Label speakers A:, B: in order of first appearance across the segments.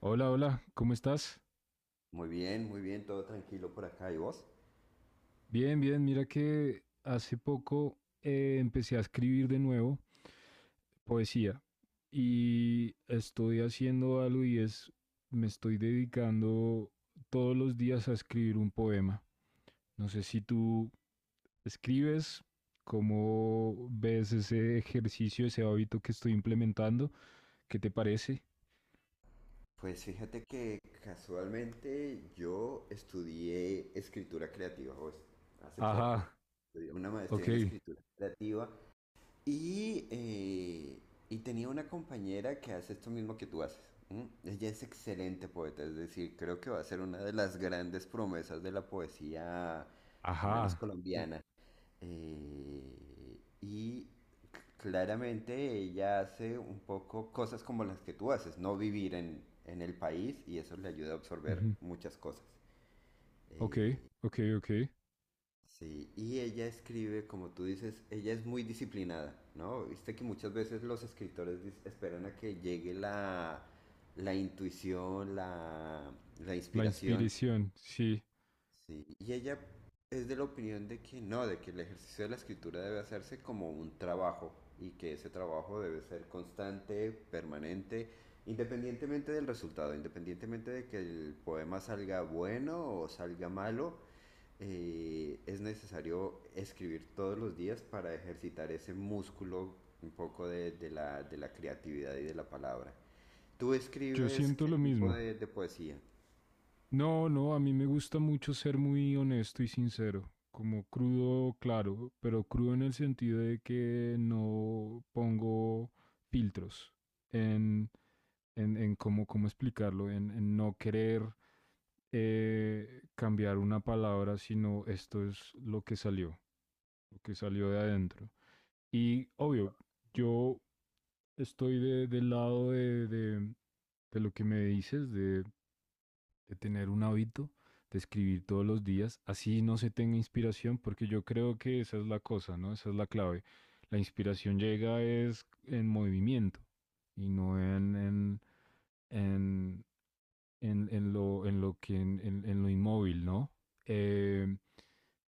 A: Hola, hola, ¿cómo estás?
B: Muy bien, todo tranquilo por acá. ¿Y vos?
A: Bien, bien, mira que hace poco empecé a escribir de nuevo poesía y estoy haciendo algo y es, me estoy dedicando todos los días a escribir un poema. No sé si tú escribes, cómo ves ese ejercicio, ese hábito que estoy implementando, ¿qué te parece?
B: Pues fíjate que casualmente yo estudié escritura creativa, pues, hace poco.
A: Ajá,
B: Estudié una
A: ok,
B: maestría en escritura creativa y, eh, y tenía una compañera que hace esto mismo que tú haces. ¿M? Ella es excelente poeta, es decir, creo que va a ser una de las grandes promesas de la poesía, al menos
A: ajá, l-
B: colombiana. Eh, y Claramente ella hace un poco cosas como las que tú haces, no vivir en el país y eso le ayuda a absorber
A: ujú,
B: muchas cosas.
A: ok,
B: Eh,
A: ok, ok.
B: sí, y ella escribe, como tú dices, ella es muy disciplinada, ¿no? Viste que muchas veces los escritores esperan a que llegue la intuición, la
A: La
B: inspiración.
A: inspiración, sí.
B: Sí, y ella es de la opinión de que no, de que el ejercicio de la escritura debe hacerse como un trabajo y que ese trabajo debe ser constante, permanente, independientemente del resultado, independientemente de que el poema salga bueno o salga malo, es necesario escribir todos los días para ejercitar ese músculo un poco de la creatividad y de la palabra. ¿Tú
A: Yo
B: escribes
A: siento
B: qué
A: lo
B: tipo
A: mismo.
B: de poesía?
A: No, no, a mí me gusta mucho ser muy honesto y sincero, como crudo, claro, pero crudo en el sentido de que no pongo filtros en, en cómo, cómo explicarlo, en no querer cambiar una palabra, sino esto es lo que salió de adentro. Y obvio, yo estoy del lado de lo que me dices, de tener un hábito, de escribir todos los días, así no se tenga inspiración, porque yo creo que esa es la cosa, ¿no? Esa es la clave. La inspiración llega es en movimiento y no en, en lo, en lo inmóvil, ¿no? Eh,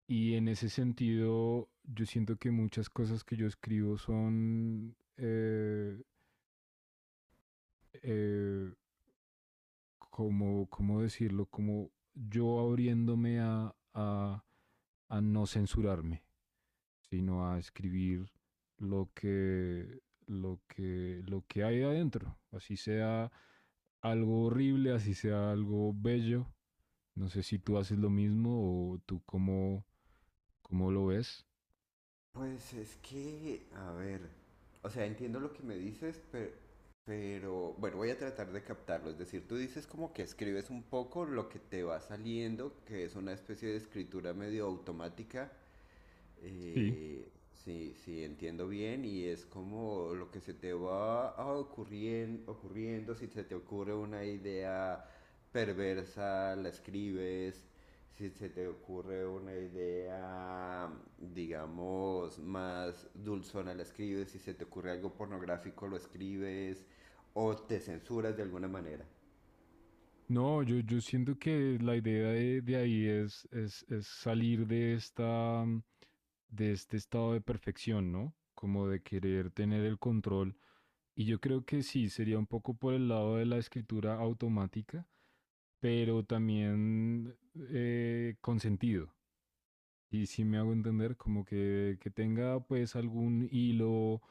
A: y en ese sentido, yo siento que muchas cosas que yo escribo son eh, como, ¿cómo decirlo? Como yo abriéndome a no censurarme, sino a escribir lo que, lo que hay adentro, así sea algo horrible, así sea algo bello. No sé si tú haces lo mismo o tú cómo, cómo lo ves.
B: Pues es que, a ver, o sea, entiendo lo que me dices, pero bueno, voy a tratar de captarlo. Es decir, tú dices como que escribes un poco lo que te va saliendo, que es una especie de escritura medio automática,
A: Sí,
B: sí, sí, entiendo bien y es como lo que se te va ocurriendo, si se te ocurre una idea perversa, la escribes, si se te ocurre una idea, digamos, más dulzona, la escribes, si se te ocurre algo pornográfico, lo escribes o te censuras de alguna manera.
A: no, yo siento que la idea de ahí es salir de esta, de este estado de perfección, ¿no? Como de querer tener el control. Y yo creo que sí, sería un poco por el lado de la escritura automática, pero también con sentido. Y si me hago entender, como que tenga pues algún hilo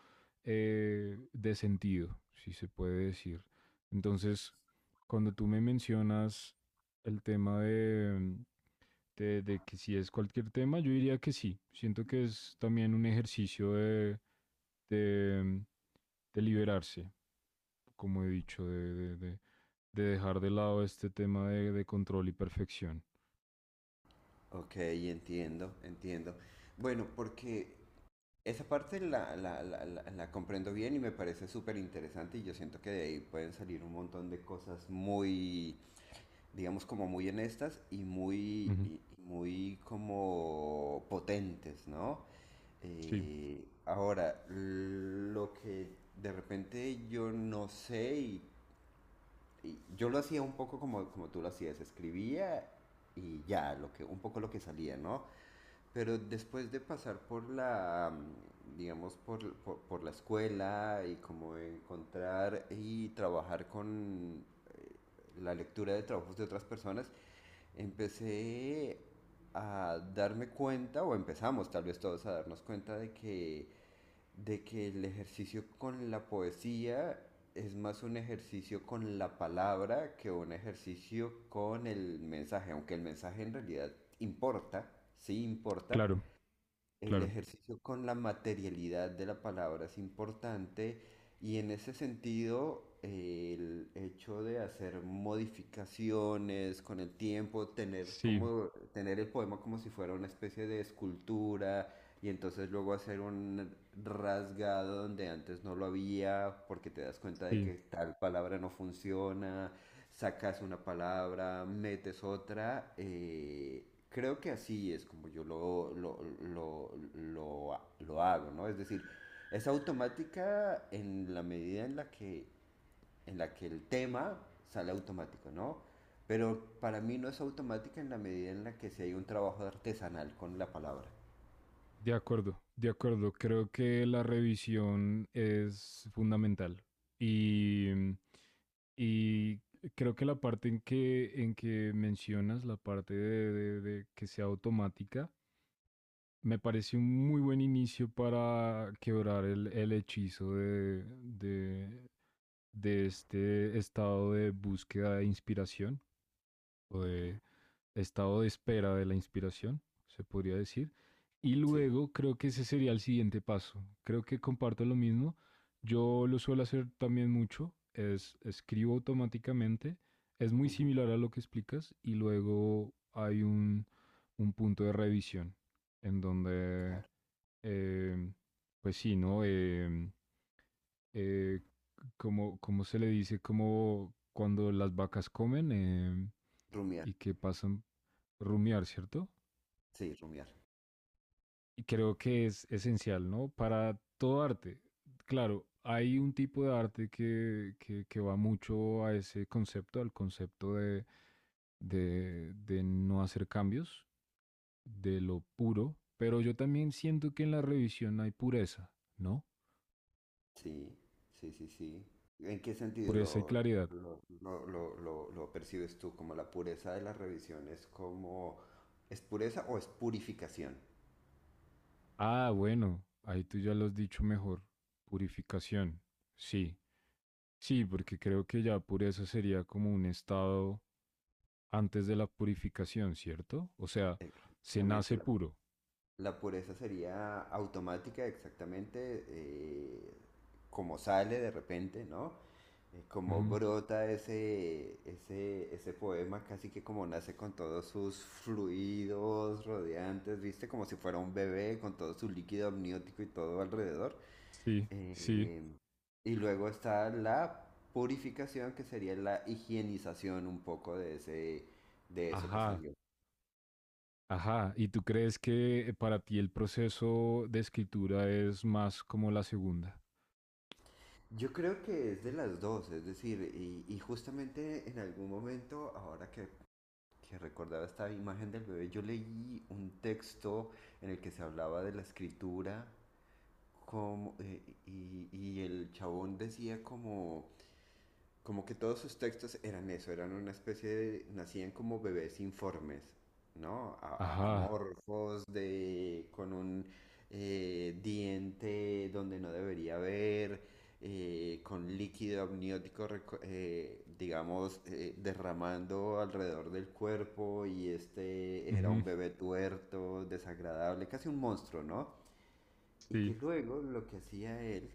A: de sentido, si se puede decir. Entonces, cuando tú me mencionas el tema de que si es cualquier tema, yo diría que sí. Siento que es también un ejercicio de, de liberarse, como he dicho, de dejar de lado este tema de control y perfección.
B: Ok, entiendo, entiendo. Bueno, porque esa parte la comprendo bien y me parece súper interesante y yo siento que de ahí pueden salir un montón de cosas muy, digamos, como muy honestas y muy,
A: Ujú.
B: y muy como potentes, ¿no?
A: Sí,
B: Ahora, lo que de repente yo no sé y yo lo hacía un poco como, como tú lo hacías, escribía y ya, lo que, un poco lo que salía, ¿no? Pero después de pasar por digamos, por, por la escuela y como encontrar y trabajar con eh, la lectura de trabajos de otras personas, empecé a darme cuenta, o empezamos tal vez todos a darnos cuenta de de que el ejercicio con la poesía es más un ejercicio con la palabra que un ejercicio con el mensaje, aunque el mensaje en realidad importa, sí importa,
A: claro,
B: el
A: claro.
B: ejercicio con la materialidad de la palabra es importante. Y en ese sentido, el hecho de hacer modificaciones con el tiempo, tener
A: Sí,
B: como tener el poema como si fuera una especie de escultura y entonces luego hacer un rasgado donde antes no lo había porque te das cuenta de
A: sí.
B: que tal palabra no funciona, sacas una palabra, metes otra. Creo que así es como yo lo hago, ¿no? Es decir, es automática en la medida en en la que el tema sale automático, ¿no? Pero para mí no es automática en la medida en la que si hay un trabajo artesanal con la palabra.
A: De acuerdo, de acuerdo. Creo que la revisión es fundamental. Y, y creo que la parte en en que mencionas, la parte de que sea automática, me parece un muy buen inicio para quebrar el hechizo de este estado de búsqueda de inspiración o de estado de espera de la inspiración, se podría decir. Y
B: Sí.
A: luego creo que ese sería el siguiente paso. Creo que comparto lo mismo. Yo lo suelo hacer también mucho. Es escribo automáticamente. Es muy
B: Ujú.
A: similar a lo que explicas. Y luego hay un punto de revisión en donde,
B: Claro.
A: eh, pues sí, ¿no? Eh, como, como se le dice, como cuando las vacas comen,
B: Rumiar.
A: y que pasan rumiar, ¿cierto?
B: Sí, rumiar.
A: Y creo que es esencial, ¿no? Para todo arte. Claro, hay un tipo de arte que va mucho a ese concepto, al concepto de no hacer cambios, de lo puro, pero yo también siento que en la revisión hay pureza, ¿no?
B: Sí, sí, sí, sí. ¿En qué sentido
A: Pureza y
B: lo,
A: claridad.
B: lo, lo, lo, lo- lo percibes tú? ¿Como la pureza de las revisiones? Como... ¿Es pureza o es purificación?
A: Ah, bueno, ahí tú ya lo has dicho mejor. Purificación, sí. Sí, porque creo que ya pureza sería como un estado antes de la purificación, ¿cierto? O sea, se
B: Exactamente.
A: nace
B: La,
A: puro.
B: la pureza sería automática, exactamente, como sale de repente, ¿no? Como
A: Ujú.
B: brota ese poema, casi que como nace con todos sus fluidos rodeantes, ¿viste? Como si fuera un bebé con todo su líquido amniótico y todo alrededor.
A: Sí, sí.
B: Eh, y luego está la purificación, que sería la higienización un poco de ese, de eso que
A: Ajá,
B: salió.
A: ajá. ¿Y tú crees que para ti el proceso de escritura es más como la segunda?
B: Yo creo que es de las dos, es decir, y justamente en algún momento, ahora que recordaba esta imagen del bebé, yo leí un texto en el que se hablaba de la escritura como, y el chabón decía como como que todos sus textos eran eso, eran una especie de, nacían como bebés informes, ¿no?
A: Ajá,
B: Amorfos, de, con un diente donde no debería haber, con líquido amniótico, digamos, derramando alrededor del cuerpo y este era
A: ujú,
B: un bebé tuerto, desagradable, casi un monstruo, ¿no? Y que
A: sí,
B: luego lo que hacía él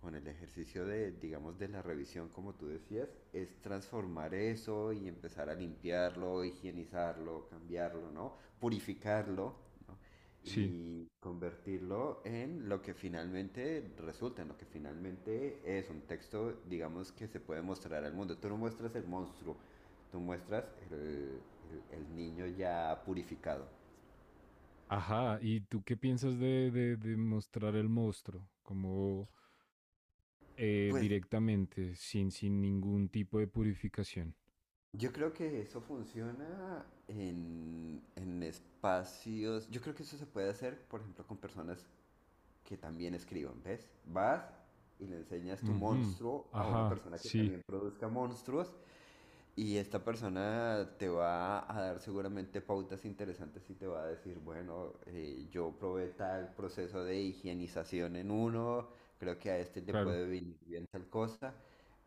B: con el ejercicio de, digamos, de la revisión, como tú decías, es transformar eso y empezar a limpiarlo, higienizarlo, cambiarlo, ¿no? Purificarlo, ¿no?
A: sí.
B: Y convertirlo en lo que finalmente resulta, en lo que finalmente es un texto, digamos, que se puede mostrar al mundo. Tú no muestras el monstruo, tú muestras el, el niño ya purificado.
A: Ajá. ¿Y tú qué piensas de mostrar el monstruo como
B: Pues
A: directamente, sin, sin ningún tipo de purificación?
B: yo creo que eso funciona en espacios. Yo creo que eso se puede hacer, por ejemplo, con personas que también escriban, ¿ves? Vas y le enseñas tu
A: Ujú,
B: monstruo a una
A: ajá,
B: persona que
A: sí,
B: también produzca monstruos y esta persona te va a dar seguramente pautas interesantes y te va a decir, bueno, yo probé tal proceso de higienización en uno, creo que a este le
A: claro,
B: puede venir bien tal cosa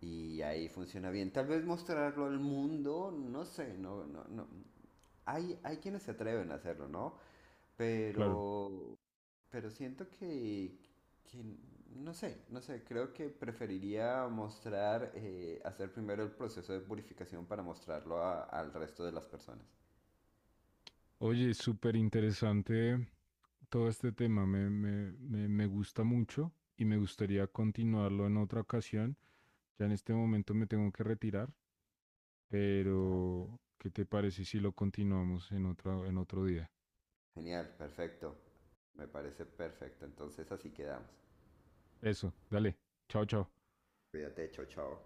B: y ahí funciona bien. Tal vez mostrarlo al mundo, no sé, no, no, no. Hay quienes se atreven a hacerlo, ¿no?
A: claro.
B: Pero pero siento que no sé, no sé, creo que preferiría mostrar, hacer primero el proceso de purificación para mostrarlo al resto de las personas.
A: Oye, súper interesante todo este tema. Me gusta mucho y me gustaría continuarlo en otra ocasión. Ya en este momento me tengo que retirar,
B: Va.
A: pero ¿qué te parece si lo continuamos en otro día?
B: Genial, perfecto. Me parece perfecto. Entonces así quedamos.
A: Eso, dale. Chao, chao.
B: Cuídate, chao, chao.